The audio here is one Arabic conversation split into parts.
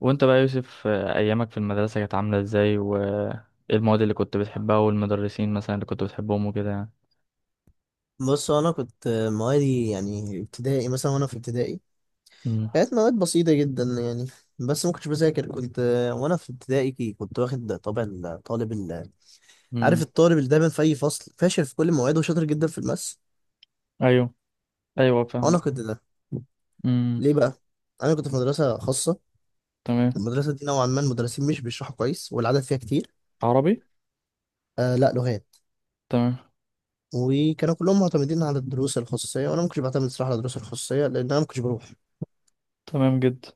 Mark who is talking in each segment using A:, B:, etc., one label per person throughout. A: وانت بقى يا يوسف، ايامك في المدرسة كانت عاملة ازاي وايه المواد اللي كنت بتحبها والمدرسين مثلا اللي كنت بتحبهم وكده يعني؟
B: بص، انا كنت موادي، يعني ابتدائي مثلا. وانا في ابتدائي
A: امم.
B: كانت مواد بسيطه جدا، يعني بس ما كنتش بذاكر. كنت وانا في ابتدائي كي- كنت واخد طبع الطالب عارف
A: امم.
B: الطالب اللي دايما في اي فصل فاشل في كل مواعيده وشاطر جدا في الماس.
A: ايوه، ايوه، فاهمة.
B: انا كنت ده.
A: امم.
B: ليه بقى؟ انا كنت في مدرسه خاصه.
A: تمام.
B: المدرسه دي نوعا ما المدرسين مش بيشرحوا كويس والعدد فيها كتير.
A: عربي.
B: آه، لا، لغات.
A: تمام.
B: وكانوا كلهم معتمدين على الدروس الخصوصيه، وانا ما كنتش بعتمد صراحه على الدروس الخصوصيه، لان انا ما كنتش بروح.
A: تمام جدا.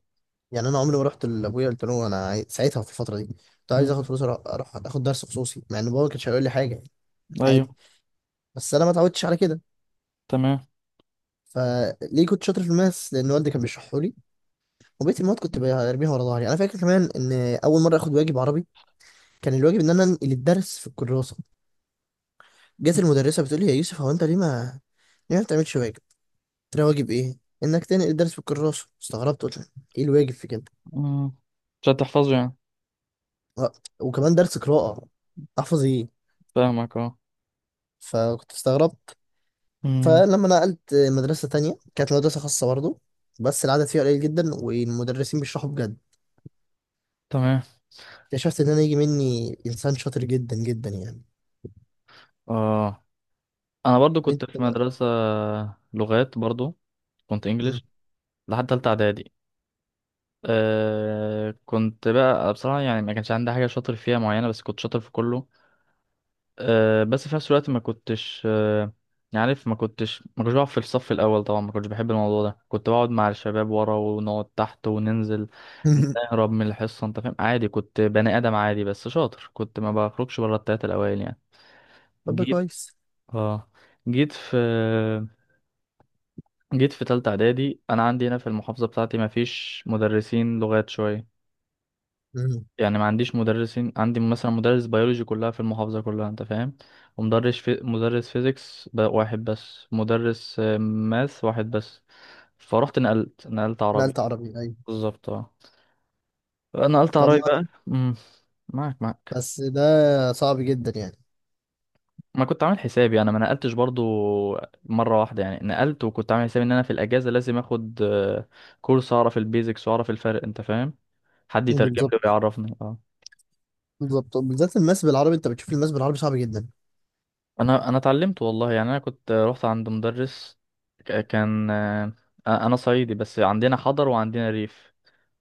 B: يعني انا عمري ما رحت لابويا قلت له انا ساعتها في الفتره دي كنت عايز اخد
A: امم.
B: فلوس أروح اخد درس خصوصي، مع ان بابا ما كانش هيقول لي حاجه، يعني
A: ايوه.
B: عادي. بس انا ما اتعودتش على كده.
A: تمام.
B: فليه كنت شاطر في الماس؟ لان والدي كان بيشرحه لي. وبقيت المواد كنت برميها ورا ظهري. انا فاكر كمان ان اول مره اخد واجب عربي، كان الواجب ان انا انقل الدرس في الكراسه. جت المدرسه بتقول لي يا يوسف هو انت ليه ما بتعملش واجب؟ قلت لها واجب ايه؟ انك تنقل الدرس في الكراسه. استغربت، قلت لها، ايه الواجب في كده؟
A: امم. مش هتحفظه يعني؟
B: و- وكمان درس قراءه، احفظ ايه؟
A: فاهمك، اه.
B: فكنت استغربت.
A: امم.
B: فلما نقلت مدرسة تانية كانت مدرسة خاصة برضه، بس العدد فيها قليل جدا والمدرسين بيشرحوا بجد.
A: تمام.
B: اكتشفت إن أنا يجي مني إنسان شاطر جدا جدا، يعني
A: اه. انا برضو كنت
B: أنت
A: في
B: بقى.
A: مدرسة لغات برضو، كنت
B: مم.
A: انجليش لحد تالتة اعدادي. كنت بقى بصراحة، يعني ما كانش عندي حاجة شاطر فيها معينة بس كنت شاطر في كله. بس في نفس الوقت ما كنتش، يعني عارف، ما كنتش بقعد في الصف الأول طبعا. ما كنتش بحب الموضوع ده، كنت بقعد مع الشباب ورا ونقعد تحت وننزل نهرب من الحصة، انت فاهم. عادي، كنت بني آدم عادي بس شاطر، كنت ما بخرجش بره التلاتة الأوائل يعني.
B: طب ده
A: جيت
B: كويس.
A: اه جيت في جيت في تالتة إعدادي. أنا عندي هنا في المحافظة بتاعتي ما فيش مدرسين لغات شوية
B: مم.
A: يعني. ما عنديش مدرسين. عندي مثلا مدرس بيولوجي كلها في المحافظة كلها، انت فاهم. ومدرس مدرس فيزيكس واحد بس، مدرس ماث واحد بس. فروحت، نقلت
B: نقلت
A: عربي.
B: عربي، أيوة.
A: بالظبط، اه. نقلت
B: طب
A: عربي
B: ما
A: بقى. امم. معاك.
B: بس ده صعب جدا يعني.
A: ما كنت عامل حسابي، انا ما نقلتش برضو مرة واحدة يعني، نقلت. وكنت عامل حسابي ان انا في الاجازة لازم اخد كورس، اعرف البيزكس واعرف الفرق انت فاهم. حد يترجم لي
B: بالظبط.
A: ويعرفني، اه.
B: بالظبط، بالذات الماس بالعربي، أنت بتشوف الماس بالعربي صعب جدا.
A: انا اتعلمت والله، يعني انا كنت رحت عند مدرس، كان. انا صعيدي بس عندنا حضر وعندنا ريف.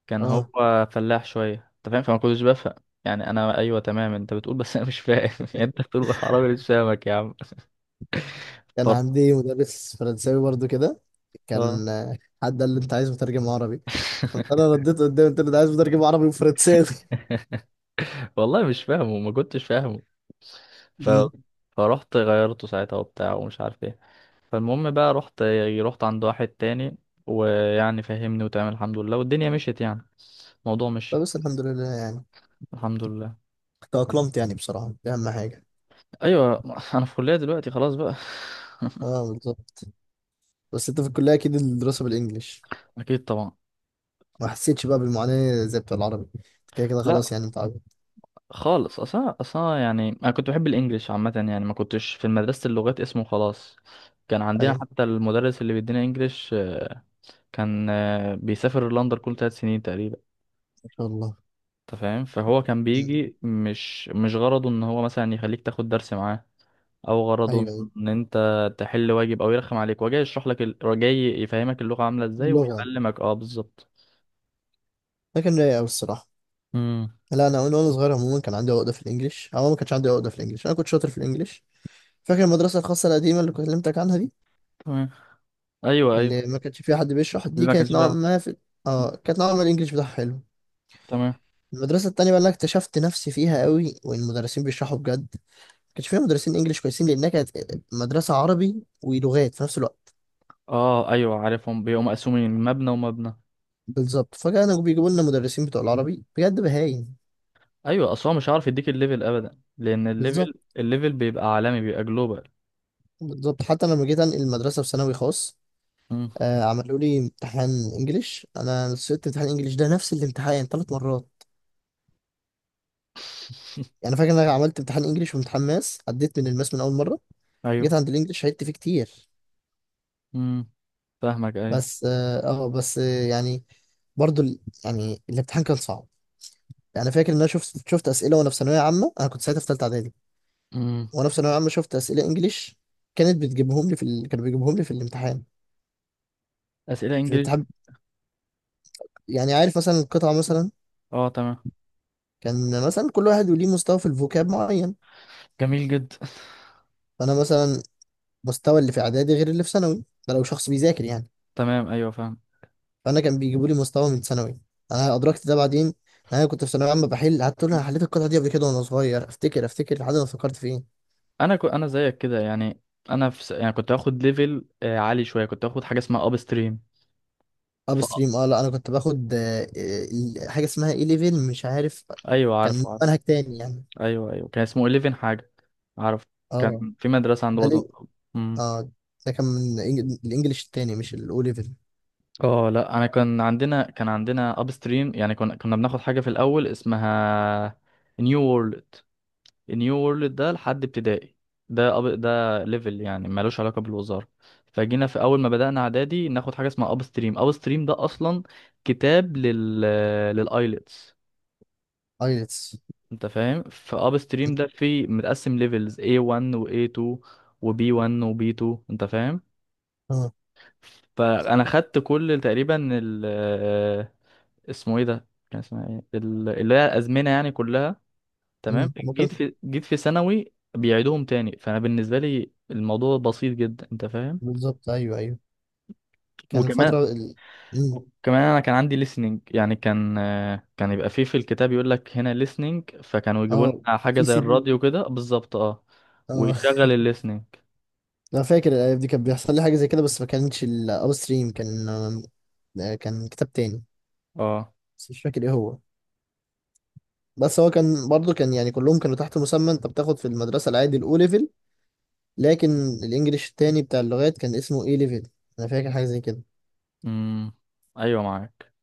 A: كان هو
B: أه،
A: فلاح شويه انت فاهم، فما كنتش بفهم يعني. انا ايوه، تمام، انت بتقول بس انا مش فاهم يعني انت بتقول بالعربي، مش فاهمك يا عم.
B: كان
A: طر-
B: عندي مدرس فرنساوي برضه كده.
A: اه.
B: كان، حد قال لي أنت عايز مترجم عربي؟ قلت أنا رديت قدامي، قلت له أنا عايز مترجم عربي وفرنساوي.
A: والله مش فاهمه، ما كنتش فاهمه. ف... فرحت غيرته ساعتها وبتاع ومش عارف ايه. فالمهم بقى رحت عند واحد تاني، ويعني فهمني وتمام الحمد لله، والدنيا مشيت يعني. الموضوع
B: لا
A: مش.
B: بس الحمد لله، يعني
A: الحمد لله.
B: تأقلمت، يعني بصراحة دي أهم حاجة.
A: ايوه. انا في كليه دلوقتي خلاص بقى.
B: اه، بالظبط. بس انت في الكلية اكيد الدراسة بالانجلش،
A: اكيد طبعا.
B: ما حسيتش بقى بالمعاناة زي بتاع العربي، أنت كده كده خلاص
A: لا
B: يعني متعود.
A: خالص، اصلا اصلا يعني انا كنت بحب الانجليش عامه، يعني ما كنتش في مدرسه اللغات اسمه خلاص. كان عندنا
B: ايوه،
A: حتى المدرس اللي بيدينا انجليش، كان بيسافر لندن كل 3 سنين تقريبا
B: ما شاء الله.
A: انت فاهم. فهو كان
B: مم.
A: بيجي مش غرضه ان هو مثلا يخليك تاخد درس معاه، او غرضه
B: ايوه ايوه،
A: ان انت تحل واجب او يرخم عليك. هو جاي يشرح لك هو جاي يفهمك اللغه عامله ازاي
B: اللغة.
A: ويعلمك، اه بالظبط.
B: لكن رايق أوي الصراحة.
A: امم.
B: لا، انا وانا وأنا صغير عموما كان عندي عقدة في الانجليش، او ما كانش عندي عقدة في الانجليش، انا كنت شاطر في الانجليش. فاكر المدرسة الخاصة القديمة اللي كلمتك عنها دي،
A: تمام. ايوه، ايوه،
B: اللي ما كانش فيها حد بيشرح،
A: اللي
B: دي
A: ما كانش
B: كانت نوعا
A: فيها حد.
B: ما في، اه كانت نوعا ما الانجليش بتاعها حلو.
A: تمام.
B: المدرسة التانية بقى اللي أنا اكتشفت نفسي فيها قوي والمدرسين بيشرحوا بجد، كانش فيها مدرسين انجليش كويسين، لانها كانت مدرسه عربي ولغات في نفس الوقت.
A: اه، ايوه، عارفهم بيقوموا مقسومين مبنى ومبنى.
B: بالظبط، فكانوا بيجيبوا لنا مدرسين بتوع العربي بجد بهايم.
A: ايوه، اصلا مش هعرف يديك الليفل ابدا، لان الليفل
B: بالظبط.
A: الليفل بيبقى عالمي، بيبقى جلوبال.
B: بالظبط حتى لما جيت انقل المدرسه في ثانوي خاص،
A: مم.
B: عملوا لي امتحان انجليش. انا سقطت امتحان انجليش، ده نفس الامتحان 3 مرات. يعني فاكر ان انا عملت امتحان انجليش وامتحان ماس، عديت من الماس من اول مره. جيت
A: ايوه.
B: عند الانجليش عدت فيه كتير.
A: امم. فاهمك، ايوه.
B: بس اه، آه، بس آه، يعني يعني الامتحان كان صعب. يعني فاكر ان انا شفت اسئله وانا في ثانويه عامه، انا كنت ساعتها في ثالثه،
A: مم.
B: وانا في ثانويه عامه شفت اسئله انجليش، كانت بتجيبهم لي في ال... كانوا بيجيبوهم لي في الامتحان،
A: اسئله
B: في
A: انجليزي.
B: الامتحان. يعني عارف مثلا القطعه مثلا،
A: اه تمام.
B: كان مثلا كل واحد وليه مستوى في الفوكاب معين.
A: جميل جدا.
B: فانا مثلا مستوى اللي في اعدادي غير اللي في ثانوي، ده لو شخص بيذاكر يعني.
A: تمام، ايوه فاهم.
B: فانا كان بيجيبوا لي مستوى من ثانوي، انا ادركت ده بعدين، إن انا كنت في ثانويه عامه بحل، قعدت اقول انا حليت القطعه دي قبل كده وانا صغير، افتكر افتكر لحد ما فكرت في ايه.
A: انا زيك كده يعني. يعني كنت هاخد ليفل عالي شويه، كنت هاخد حاجه اسمها اب ستريم.
B: اب
A: ف...
B: ستريم، اه لا، انا كنت باخد، حاجه اسمها اي ليفل، مش عارف.
A: ايوه عارف.
B: كان منهج تاني يعني.
A: ايوه، ايوه، كان اسمه 11 حاجه، اعرف.
B: اه.
A: كان في مدرسه عند
B: ده
A: برضه. امم.
B: اه، ده كان من الانجليش التاني مش الاو ليفل.
A: اه، لا انا كان عندنا اب ستريم يعني، كنا بناخد حاجه في الاول اسمها نيو وورلد. نيو وورلد ده لحد ابتدائي. ده ده ليفل يعني ملوش علاقه بالوزاره. فجينا في اول ما بدانا اعدادي ناخد حاجه اسمها اب ستريم. اب ستريم ده اصلا كتاب للايلتس
B: ايلتس.
A: انت فاهم. فاب ستريم ده فيه متقسم ليفلز A1 و A2، وبي 1 وبي 2، انت فاهم.
B: اه.
A: فانا خدت كل تقريبا ال آه، اسمه ايه ده، كان اسمها ايه اللي هي الازمنه يعني كلها. تمام.
B: مم. هما كانوا،
A: جيت في ثانوي بيعيدوهم تاني، فانا بالنسبه لي الموضوع بسيط جدا انت فاهم.
B: بالظبط ايوه ايوه. كان
A: وكمان،
B: الفترة مم.
A: انا كان عندي listening يعني، كان يبقى فيه في الكتاب يقول لك هنا listening، فكانوا يجيبوا
B: اه،
A: لنا حاجه
B: في
A: زي
B: سي بي.
A: الراديو كده بالظبط، اه.
B: اه.
A: ويشغل الليسننج،
B: انا فاكر الايام دي كان بيحصل لي حاجة زي كده، بس ما كانتش الاو ستريم، كان، كان كتاب تاني،
A: اه.
B: بس مش فاكر ايه هو. بس هو كان برضه، كان يعني كلهم كانوا تحت مسمى انت بتاخد في المدرسة العادي الاو ليفل، لكن الانجليش التاني بتاع اللغات كان اسمه اي ليفل. انا فاكر حاجة زي كده.
A: امم. ايوه، معاك.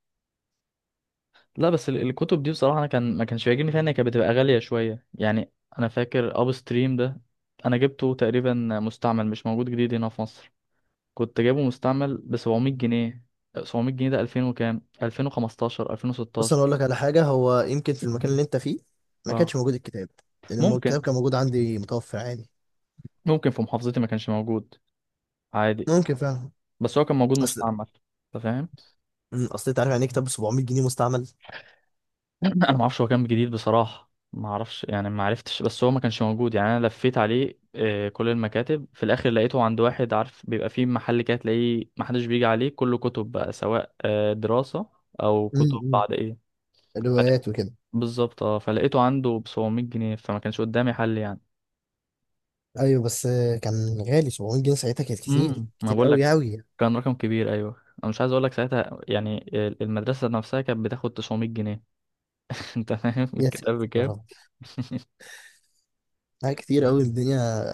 A: لا بس الكتب دي بصراحة أنا كان ما كانش بيعجبني فيها إن هي كانت بتبقى غالية شوية يعني. أنا فاكر أب ستريم ده، أنا جبته تقريبا مستعمل، مش موجود جديد هنا في مصر. كنت جايبه مستعمل ب 700 جنيه. 700 جنيه ده 2000 وكام، 2015،
B: بص انا اقول
A: 2016.
B: لك على حاجه، هو يمكن في المكان اللي انت فيه ما
A: اه
B: كانش موجود الكتاب، لان الكتاب
A: ممكن.
B: كان موجود عندي متوفر عادي.
A: ممكن في محافظتي ما كانش موجود عادي،
B: ممكن فعلا.
A: بس هو كان موجود
B: اصل،
A: مستعمل. أنت فاهم.
B: أمم، اصل انت عارف يعني إيه كتاب ب 700 جنيه مستعمل؟
A: انا ما اعرفش، هو كان جديد بصراحه ما اعرفش يعني، ما عرفتش. بس هو ما كانش موجود يعني. انا لفيت عليه كل المكاتب. في الاخر لقيته عند واحد، عارف بيبقى فيه محل كده تلاقيه ما حدش بيجي عليه، كله كتب بقى سواء دراسه او كتب
B: امم،
A: بعد ايه. فلا-
B: روايات وكده.
A: بالظبط، اه، فلقيته عنده ب 700 جنيه، فما كانش قدامي حل يعني.
B: ايوه بس، كان غالي، 700 جنيه ساعتها كانت كتير
A: امم، ما
B: كتير
A: بقول لك،
B: قوي قوي.
A: كان رقم كبير، ايوه. انا مش عايز اقول لك ساعتها يعني، المدرسه نفسها كانت بتاخد 900 جنيه. انت فاهم
B: يا
A: الكتاب
B: ساتر يا
A: بكام.
B: رب، لا كتير قوي الدنيا،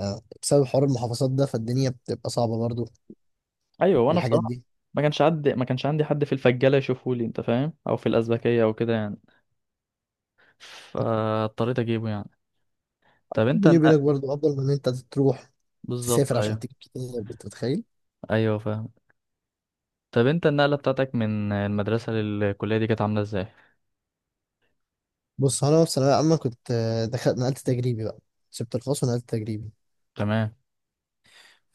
B: بسبب حوار المحافظات ده، فالدنيا بتبقى صعبه برضو في
A: ايوه، وانا
B: الحاجات
A: بصراحه
B: دي.
A: ما كانش عندي حد في الفجاله يشوفه لي انت فاهم، او في الازبكيه او كده يعني، فاضطريت اجيبه يعني. طب انت
B: بيني
A: النقل.
B: وبينك برضو افضل من ان انت تروح
A: بالظبط،
B: تسافر عشان
A: ايوه،
B: تجيب كتاب، انت متخيل.
A: ايوه فاهم. طب انت النقله بتاعتك من المدرسه للكليه دي كانت عامله ازاي؟
B: بص انا في ثانويه عامه كنت، دخلت نقلت تجريبي بقى، سبت الخاص ونقلت تجريبي.
A: تمام.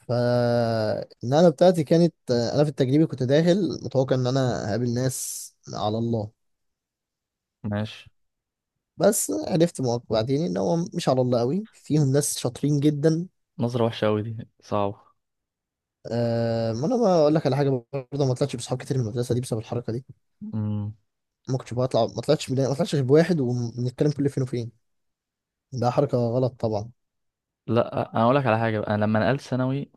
B: فالنقله بتاعتي كانت، انا في التجريبي كنت داخل متوقع ان انا هقابل ناس على الله.
A: ماشي.
B: بس عرفت بعدين ان هو مش على الله قوي، فيهم ناس شاطرين جدا.
A: نظره وحشه قوي دي صعبه.
B: أه، ما انا بقول لك على حاجه برضه، ما طلعتش بصحاب كتير من المدرسه دي بسبب الحركه دي.
A: امم.
B: ما كنتش بطلع، ما طلعتش غير بواحد وبنتكلم كل فين وفين. ده حركه غلط طبعا.
A: لا انا اقول لك على حاجه بقى. انا لما نقلت ثانوي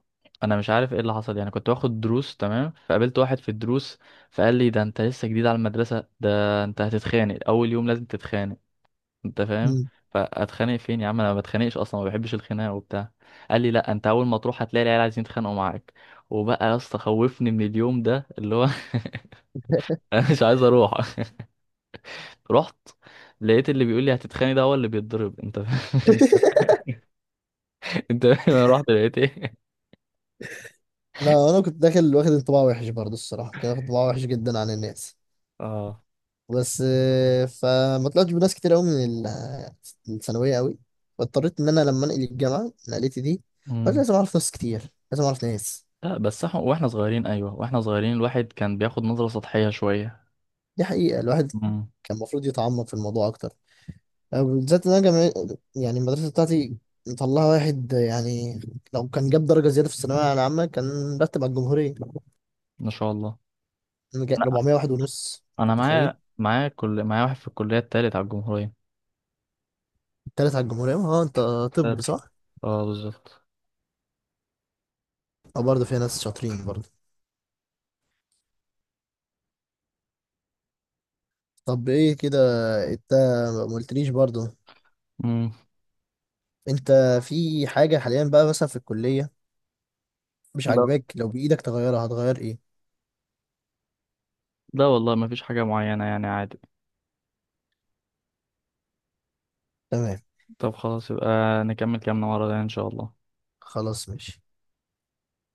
A: انا مش عارف ايه اللي حصل يعني، كنت باخد دروس تمام، فقابلت واحد في الدروس فقال لي ده انت لسه جديد على المدرسه ده، انت هتتخانق اول يوم لازم تتخانق، انت فاهم.
B: مم.
A: فاتخانق فين يا عم، انا ما بتخانقش اصلا، ما بحبش الخناقه وبتاع. قال لي لا، انت اول ما تروح هتلاقي العيال عايزين يتخانقوا معاك. وبقى يا اسطى خوفني من اليوم ده اللي هو، انا مش عايز اروح. رحت لقيت اللي بيقول لي هتتخانق ده هو اللي بيتضرب، انت فاهم. انت فاهم انا رحت لقيت ايه.
B: لا انا كنت داخل واخد انطباع وحش برضه الصراحه، كنت واخد انطباع وحش جدا عن الناس.
A: اه.
B: بس، فما طلعتش بناس كتير قوي من الثانويه قوي. فاضطريت ان انا لما انقل الجامعه نقلتي دي، قلت
A: مم.
B: لازم اعرف ناس كتير، لازم اعرف ناس.
A: لا بس احنا، واحنا صغيرين، ايوه، واحنا صغيرين الواحد كان بياخد نظره سطحيه شويه.
B: دي حقيقه، الواحد
A: مم.
B: كان المفروض يتعمق في الموضوع اكتر، بالذات ان انا جامعة، يعني المدرسه بتاعتي مطلعه واحد، يعني لو كان جاب درجه زياده في الثانويه العامه كان رتب على الجمهوريه.
A: ما شاء الله.
B: أنا
A: انا
B: 400 واحد ونص.
A: انا
B: أنت متخيل؟
A: معايا معايا كل معايا واحد في الكليه التالت على الجمهوريه.
B: تالت على الجمهوريه، ها انت؟
A: طب.
B: طب صح؟
A: اه بالظبط.
B: اه برضه فيها ناس شاطرين برضه. طب ايه كده؟ انت ما قلتليش برضه،
A: مم.
B: انت في حاجة حاليا بقى مثلا في الكلية مش
A: لا،
B: عاجباك؟ لو بإيدك تغيرها هتغير ايه؟
A: لا والله ما فيش حاجة معينة يعني عادي.
B: تمام.
A: طب خلاص يبقى نكمل كلامنا مرة تانية إن شاء الله.
B: خلاص، ماشي.